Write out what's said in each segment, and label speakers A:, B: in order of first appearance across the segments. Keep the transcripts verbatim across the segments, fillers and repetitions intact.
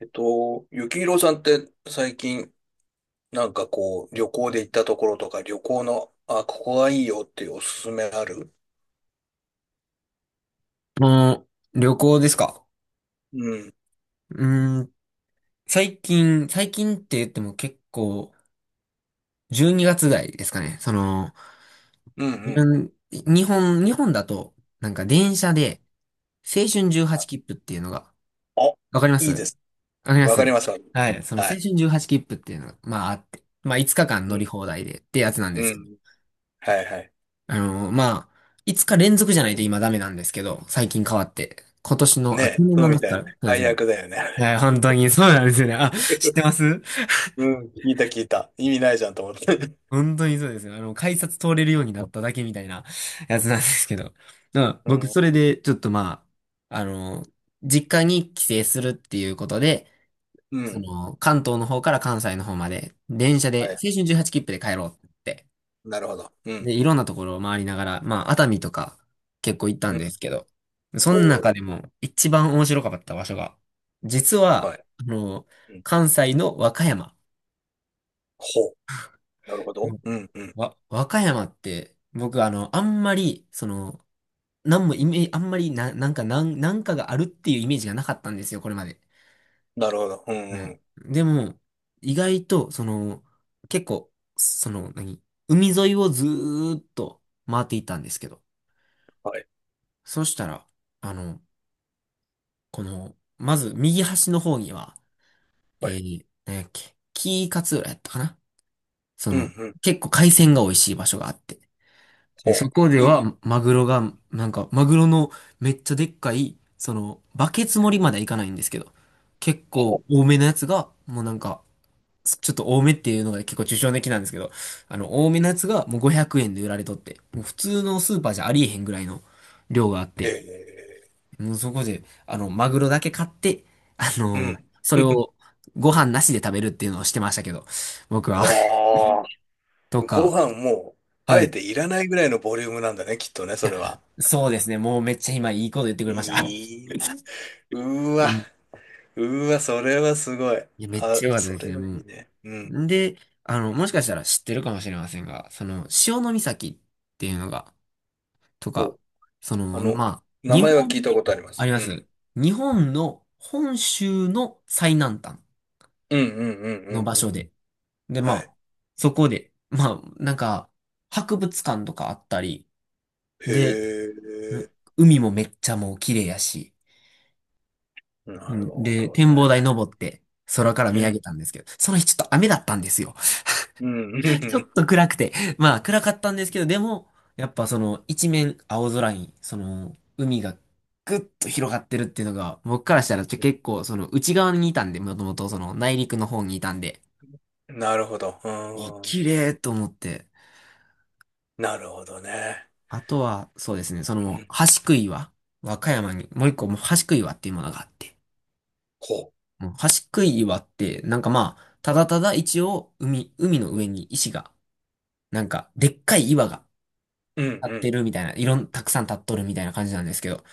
A: えっと、ゆきひろさんって最近なんかこう旅行で行ったところとか旅行の、あ、ここがいいよっていうおすすめある？
B: もう、旅行ですか？
A: うん。
B: うーん、最近、最近って言っても結構、じゅうにがつ台ですかね。その、
A: うんうん。
B: うん、日本、日本だと、なんか電車で、青春じゅうはち切符っていうのが、
A: あ、
B: わかりま
A: い
B: す、
A: い
B: わ
A: です。
B: かりま
A: わ
B: す。
A: かります。はい。
B: はい、その青春じゅうはち切符っていうのが、まああって、まあいつかかん
A: う
B: 乗り
A: ん。
B: 放題でってやつなんで
A: う
B: すけど、
A: ん。はいはい。
B: あの、まあ、いつか連続じゃないと今ダメなんですけど、最近変わって、今年の、
A: ね
B: あ、去
A: え、
B: 年
A: そ
B: の
A: うみ
B: 夏
A: たい
B: か
A: な
B: ら、
A: ね。
B: そうで
A: 解
B: すね。
A: 約だよね。
B: はい、本当にそうなんですよね。あ、知ってます？
A: うん。聞いた聞いた。意味ないじゃんと思って。
B: 本当にそうですよ。あの、改札通れるようになっただけみたいなやつなんですけど。うん、
A: う
B: 僕、そ
A: ん。
B: れで、ちょっとまあ、あの、実家に帰省するっていうことで、
A: う
B: そ
A: ん。
B: の、関東の方から関西の方まで、電車
A: は
B: で、
A: い。
B: 青春じゅうはち切符で帰ろうって言って。
A: なるほど。うん。
B: で、いろんなところを回りながら、まあ、熱海とか結構行った
A: う
B: んで
A: ん。
B: すけど、その
A: お
B: 中
A: ー。
B: でも一番面白かった場所が、実
A: は
B: は、
A: い。
B: あの、
A: うん。
B: 関西の和歌山。
A: ほう。なるほど。うんうん。
B: わ、和歌山って、僕、あの、あんまり、その、なんもイメージ、あんまりな、なんか、なん、なんかがあるっていうイメージがなかったんですよ、これまで。
A: なるほど。うん
B: う
A: う
B: ん。
A: ん。
B: でも、意外と、その、結構、その、何、海沿いをずーっと回っていったんですけど、
A: お、はい。
B: そしたら、あの、この、まず、右端の方には、え
A: はい。
B: ー、何やっけ、紀伊勝浦やったかな。そ
A: うん
B: の、
A: うん。
B: 結構海鮮が美味しい場所があって、で、そ
A: ほ
B: こ
A: う。
B: で
A: いい。
B: は、マグロ
A: う
B: が、
A: ん。
B: なんか、マグロのめっちゃでっかい、その、バケツ盛りまではいかないんですけど、結構
A: は
B: 多めのやつが、もうなんか、ちょっと多めっていうのが結構抽象的なんですけど、あの、多めのやつがもうごひゃくえんで売られとって、もう普通のスーパーじゃありえへんぐらいの量があっ
A: へ
B: て、
A: え。
B: もうそこで、あの、マグロだけ買って、あ
A: う
B: の、
A: ん。
B: それ をご飯なしで食べるっていうのをしてましたけど、僕は。
A: あ
B: と
A: あ。ご
B: か、
A: 飯も、あ
B: は
A: え
B: い。
A: ていらないぐらいのボリュームなんだね、きっとね、そ
B: や、
A: れは。
B: そうですね。もうめっちゃ今いいこと言ってくれました。
A: いいな。うー
B: う
A: わ。
B: ん。
A: うーわ、それはすごい。
B: いや、めっ
A: あ、
B: ちゃ良かったで
A: そ
B: す
A: れ
B: ね、
A: はい
B: も
A: いね。う
B: う。
A: ん。
B: んで、あの、もしかしたら知ってるかもしれませんが、その、潮岬っていうのが、と
A: お、
B: か、そ
A: あ
B: の、
A: の、
B: まあ、
A: 名
B: 日
A: 前は
B: 本、
A: 聞いたことありま
B: あ
A: す。
B: りま
A: うん。
B: す。日本の本州の最南端
A: うんうんうんう
B: の場
A: んう
B: 所
A: ん。
B: で。で、ま
A: はい。
B: あ、そこで、まあ、なんか、博物館とかあったり、で、
A: へ
B: う
A: え。
B: 海もめっちゃもう綺麗やし、
A: な
B: う
A: る
B: ん、
A: ほ
B: で、
A: ど
B: 展望台
A: ね。
B: 登って、空から
A: う
B: 見上げ
A: ん。
B: たんですけど、その日ちょっと雨だったんですよ。
A: うんう
B: ちょ
A: ん
B: っと暗くて。まあ、暗かったんですけど、でも、やっぱその、一面青空に、その、海がぐっと広がってるっていうのが、僕からしたらちょ
A: う
B: 結構、その、内側にいたんで、もともとその、内陸の方にいたんで、
A: ん。なるほど。う
B: お、
A: ー
B: 綺
A: ん。
B: 麗と思って。
A: なるほどね。
B: あとは、そうですね、そ
A: う
B: の、
A: ん。
B: 橋杭は、和歌山に、もう一個、もう橋杭はっていうものがあって、
A: ほ
B: うん、端っこい岩って、なんかまあ、ただただ一応、海、海の上
A: う。
B: に石が、なんか、でっかい岩が
A: うん
B: 立
A: う
B: って
A: ん。
B: るみたいな、いろん、たくさん立っとるみたいな感じなんですけど、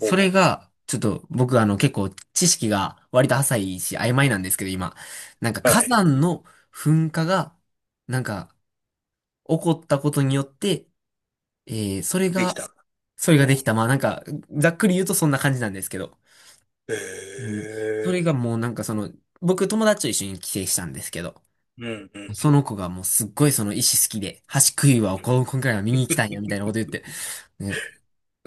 A: お、
B: れが、ちょっと僕、あの結構知識が割と浅いし曖昧なんですけど今、なんか
A: は
B: 火山
A: い。
B: の噴火が、なんか起こったことによって、えー、それ
A: でき
B: が、
A: た。
B: それ
A: う
B: ができ
A: ん。
B: た。まあなんか、ざっくり言うとそんな感じなんですけど、
A: へ
B: うん。そ
A: え。
B: れがもうなんかその、僕友達と一緒に帰省したんですけど、
A: うんうん。
B: その子がもうすっごいその石好きで、橋食いはこ今回は見に行きたいやみたいなこと言って、ね、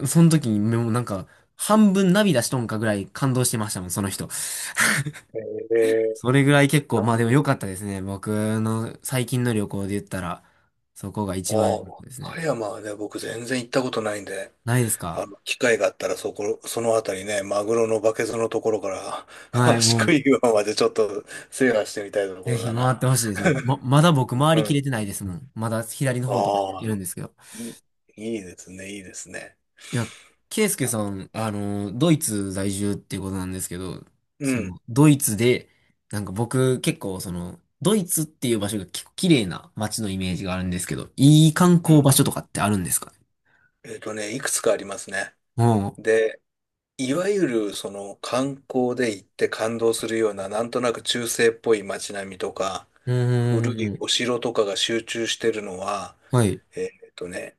B: その時にもうなんか、半分涙しとんかぐらい感動してましたもん、その人。
A: へえ。
B: それぐらい結構、
A: あ、
B: まあ
A: う
B: でも
A: ん。
B: 良かったですね。僕の最近の旅行で言ったら、そこが
A: あ
B: 一
A: あ、
B: 番良かったです
A: 和
B: ね。
A: 歌山はね、僕全然行ったことないんで、
B: ないですか？
A: あの、機会があったらそこ、そのあたりね、マグロのバケツのところから、
B: はい、も
A: 宿
B: う、
A: 喰岩までちょっと制覇してみたいとこ
B: ぜ
A: ろ
B: ひ
A: だ
B: 回
A: な。
B: ってほしいですね。ま、まだ僕回
A: う
B: りきれ
A: ん。
B: てないですもん。まだ左の方とか
A: あ
B: い
A: あ、
B: るんですけど。
A: いい、いいですね、いいですね。
B: いや、ケイスケさん、あの、ドイツ在住っていうことなんですけど、
A: う
B: そ
A: ん。
B: の、ドイツで、なんか僕結構その、ドイツっていう場所が結構綺麗な街のイメージがあるんですけど、いい観
A: う
B: 光
A: ん。
B: 場所とかってあるんですかね？
A: えっとね、いくつかありますね。
B: おう。
A: で、いわゆるその観光で行って感動するような、なんとなく中世っぽい街並みとか、
B: う
A: 古い
B: ーん。
A: お城とかが集中してるのは、
B: はい。
A: えっとね、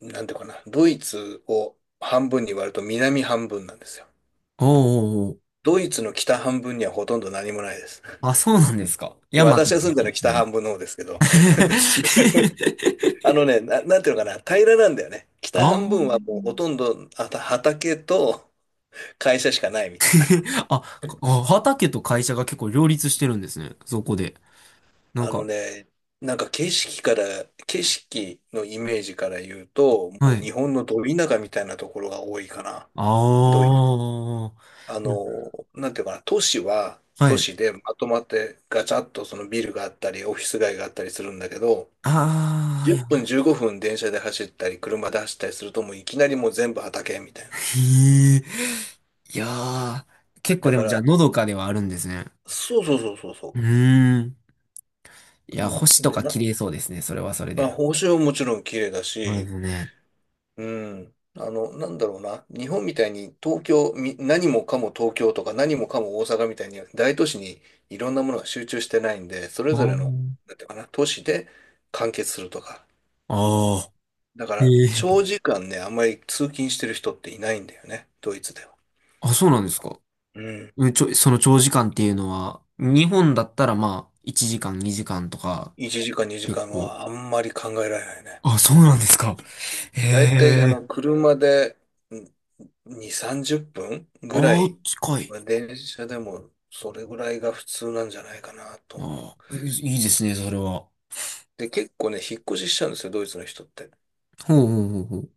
A: なんていうかな、ドイツを半分に割ると南半分なんですよ。
B: おう、おう、おう。
A: ドイツの北半分にはほとんど何もないです。
B: あ、そうなんですか。
A: で、
B: 山と
A: 私
B: か
A: が住んでるの
B: 結
A: は
B: 構
A: 北
B: 多い？
A: 半分の方ですけど、あのね、な、なんていうのかな、平らなんだよね。
B: あ
A: 北半分
B: ー
A: はもうほとんどあた畑と会社しかないみたいな。
B: あ、あ畑と会社が結構両立してるんですね。そこで。なん
A: あ
B: か、
A: のね、なんか景色から、景色のイメージから言うと、
B: は
A: もう
B: い。
A: 日本のど田舎みたいなところが多いかな。どういう、
B: ああ、
A: あ
B: ま
A: の、なんていうかな、都市は
B: は
A: 都
B: い。
A: 市でまとまってガチャッとそのビルがあったり、オフィス街があったりするんだけど、
B: ああ、
A: 10
B: やっ、
A: 分じゅうごふん電車で走ったり、車で走ったりするともういきなりもう全部畑みたいな。
B: へえ。いやー、結構
A: だ
B: で
A: か
B: もじゃあ、
A: ら、
B: のどかではあるんですね。
A: そうそうそうそう
B: う
A: そ
B: ーん。いや、
A: う。
B: 星
A: うん
B: と
A: で
B: か綺
A: な、
B: 麗そうですね。それはそれ
A: まあ、
B: で。
A: 報酬はもちろん綺麗だ
B: そうで
A: し、
B: すね。
A: うん。あの、なんだろうな。日本みたいに東京、み何もかも東京とか何もかも大阪みたいに大都市にいろんなものが集中してないんで、それ
B: あ
A: ぞれの、
B: ー、
A: なんていうかな、都市で完結するとか。
B: あ
A: だか
B: ー、
A: ら、
B: ええ。
A: 長時間ね、あんまり通勤してる人っていないんだよね。ドイツでは。
B: あ、そうなんですか。
A: うん。
B: うんちょ、その長時間っていうのは、日本だったらまあ、いちじかん、にじかんとか、
A: いちじかん、2
B: 結
A: 時間
B: 構。
A: はあんまり考えられないね。
B: あ、そうなんですか。
A: だいたい、あ
B: へえ。
A: の、車でんに、さんじゅっぷんぐら
B: ああ、
A: い、
B: 近い。
A: まあ電車でもそれぐらいが普通なんじゃないかなと思う。
B: ああ、いいいですね、それは。
A: で、結構ね、引っ越ししちゃうんですよ、ドイツの人って。
B: ほうほうほうほう。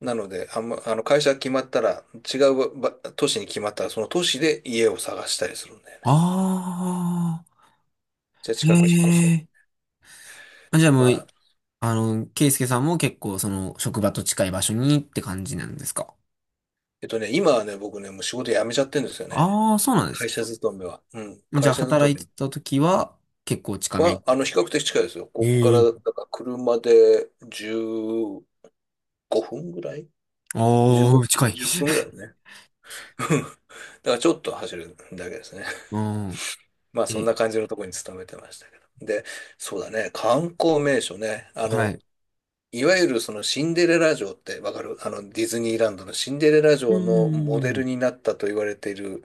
A: なので、あんま、あの、会社が決まったら、違うば都市に決まったら、その都市で家を探したりするんだよね。
B: あ
A: じゃあ
B: あ、へ
A: 近く引っ越そう。
B: え。あ、じゃあも
A: まあ、
B: う、あの、ケイスケさんも結構その職場と近い場所にって感じなんですか？
A: えっとね、今はね、僕ね、もう仕事辞めちゃってるんですよね。
B: ああー、そうなんです
A: 会
B: か。
A: 社勤めは。うん、
B: じゃ
A: 会
B: あ
A: 社
B: 働
A: 勤
B: いて
A: め
B: た時は結構近め
A: は、
B: に。
A: あの、比較的近いですよ。こっか
B: え
A: ら、だ
B: え。
A: から車でじゅうごふんぐらい ?じゅうご
B: ああ、
A: 分、
B: 近い。
A: にじゅっぷんぐらい だね。だからちょっと走るだけですね。
B: うん。
A: まあそんな
B: え、
A: 感じのところに勤めてましたけど。で、そうだね、観光名所ね。あ
B: は
A: の、
B: い。
A: いわゆるそのシンデレラ城ってわかる？あのディズニーランドのシンデレラ
B: うー
A: 城のモデ
B: ん。
A: ルになったと言われている、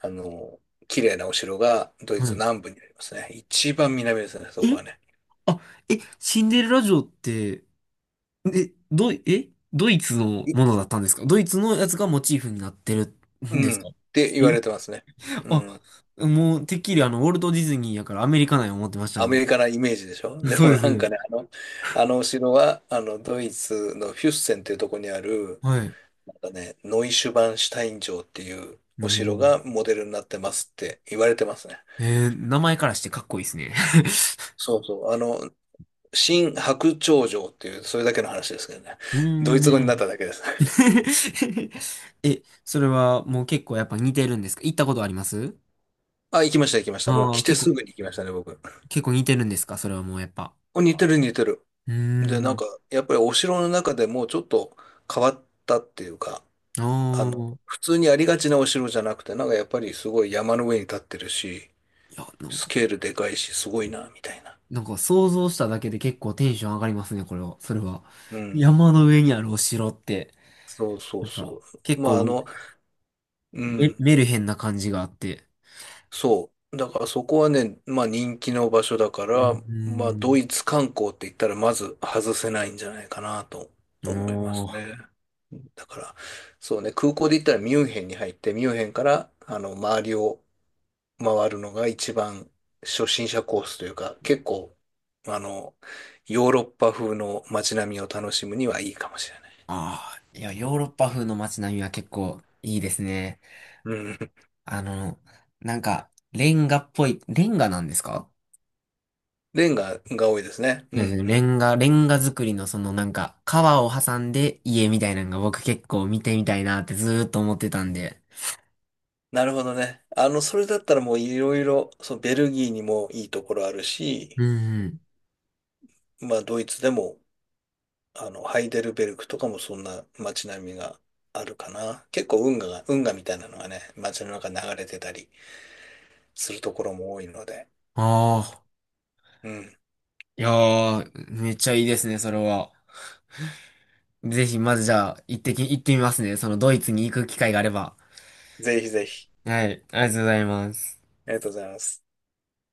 A: あの、綺麗なお城がドイ
B: は
A: ツ
B: い。
A: 南部にありますね。一番南ですね、
B: え、
A: そこはね。
B: あ、え、シンデレラ城って、え、ど、え、ドイツの
A: い
B: ものだったんですか？ドイツのやつがモチーフになってる
A: う
B: んです
A: ん。っ
B: か？
A: て言わ
B: え
A: れてますね。う
B: あ、
A: ん。
B: もう、てっきりあの、ウォルト・ディズニーやからアメリカなんや思ってました
A: ア
B: ね。
A: メリカなイメージでしょ？ で
B: そう
A: も
B: で
A: な
B: す
A: んか
B: ね。
A: ね、あの、あのお城は、あの、ドイツのフュッセンっていうところにある、
B: はい。
A: だね、ノイシュバンシュタイン城っていう
B: も
A: お城
B: う、
A: がモデルになってますって言われてますね。
B: えー、名前からしてかっこいいですね。
A: そうそう。あの、新白鳥城っていう、それだけの話ですけどね。
B: う
A: ドイツ語
B: ー
A: になっ
B: ん。
A: ただけです。
B: え、それはもう結構やっぱ似てるんですか？行ったことあります？
A: あ、行きました、行きました。もう
B: ああー、
A: 来て
B: 結
A: す
B: 構、
A: ぐに行きましたね、僕。
B: 結構似てるんですか、それはもうやっぱ。
A: お、似てる、似てる。
B: うー
A: で、なん
B: ん。
A: か、やっぱりお城の中でもうちょっと変わったっていうか、
B: あ
A: あの、
B: あ。
A: 普通にありがちなお城じゃなくて、なんかやっぱりすごい山の上に立ってるし、
B: いや、なん
A: ス
B: か、
A: ケールでかいし、すごいな、みたいな。
B: なんか想像しただけで結構テンション上がりますね、これは。それは。
A: うん。
B: 山の上にあるお城って。
A: そうそう
B: なんか、
A: そう。
B: 結
A: ま
B: 構、
A: あ、あの、う
B: メ、
A: ん、
B: メルヘンな感じがあって。
A: そう。だからそこはね、まあ人気の場所だか
B: う
A: ら、まあド
B: ん。
A: イツ観光って言ったらまず外せないんじゃないかなと
B: お
A: 思います
B: ー。
A: ね。だから、そうね、空港で言ったらミュンヘンに入って、ミュンヘンからあの周りを回るのが一番初心者コースというか、結構、あの、ヨーロッパ風の街並みを楽しむにはいいかもしれない。
B: ああ、いや、ヨーロッパ風の街並みは結構いいですね。
A: うん。
B: あの、なんか、レンガっぽい、レンガなんですか？
A: レンガが多いですね。う
B: そ
A: ん
B: う
A: う
B: ですね、レ
A: ん。
B: ンガ、レンガ作りのそのなんか、川を挟んで家みたいなのが僕結構見てみたいなってずーっと思ってたんで。
A: なるほどね。あの、それだったらもういろいろ、そうベルギーにもいいところあるし、
B: うん、うん。
A: まあドイツでも、あの、ハイデルベルクとかもそんな街並みがあるかな。結構運河が、運河みたいなのがね、街の中に流れてたりするところも多いので、
B: ああ、
A: うん。
B: いやー、めっちゃいいですね、それは。ぜひ、まずじゃあ、行ってき、行ってみますね。そのドイツに行く機会があれば。
A: ぜひぜひ。
B: はい、ありがとうございます。
A: ありがとうございます。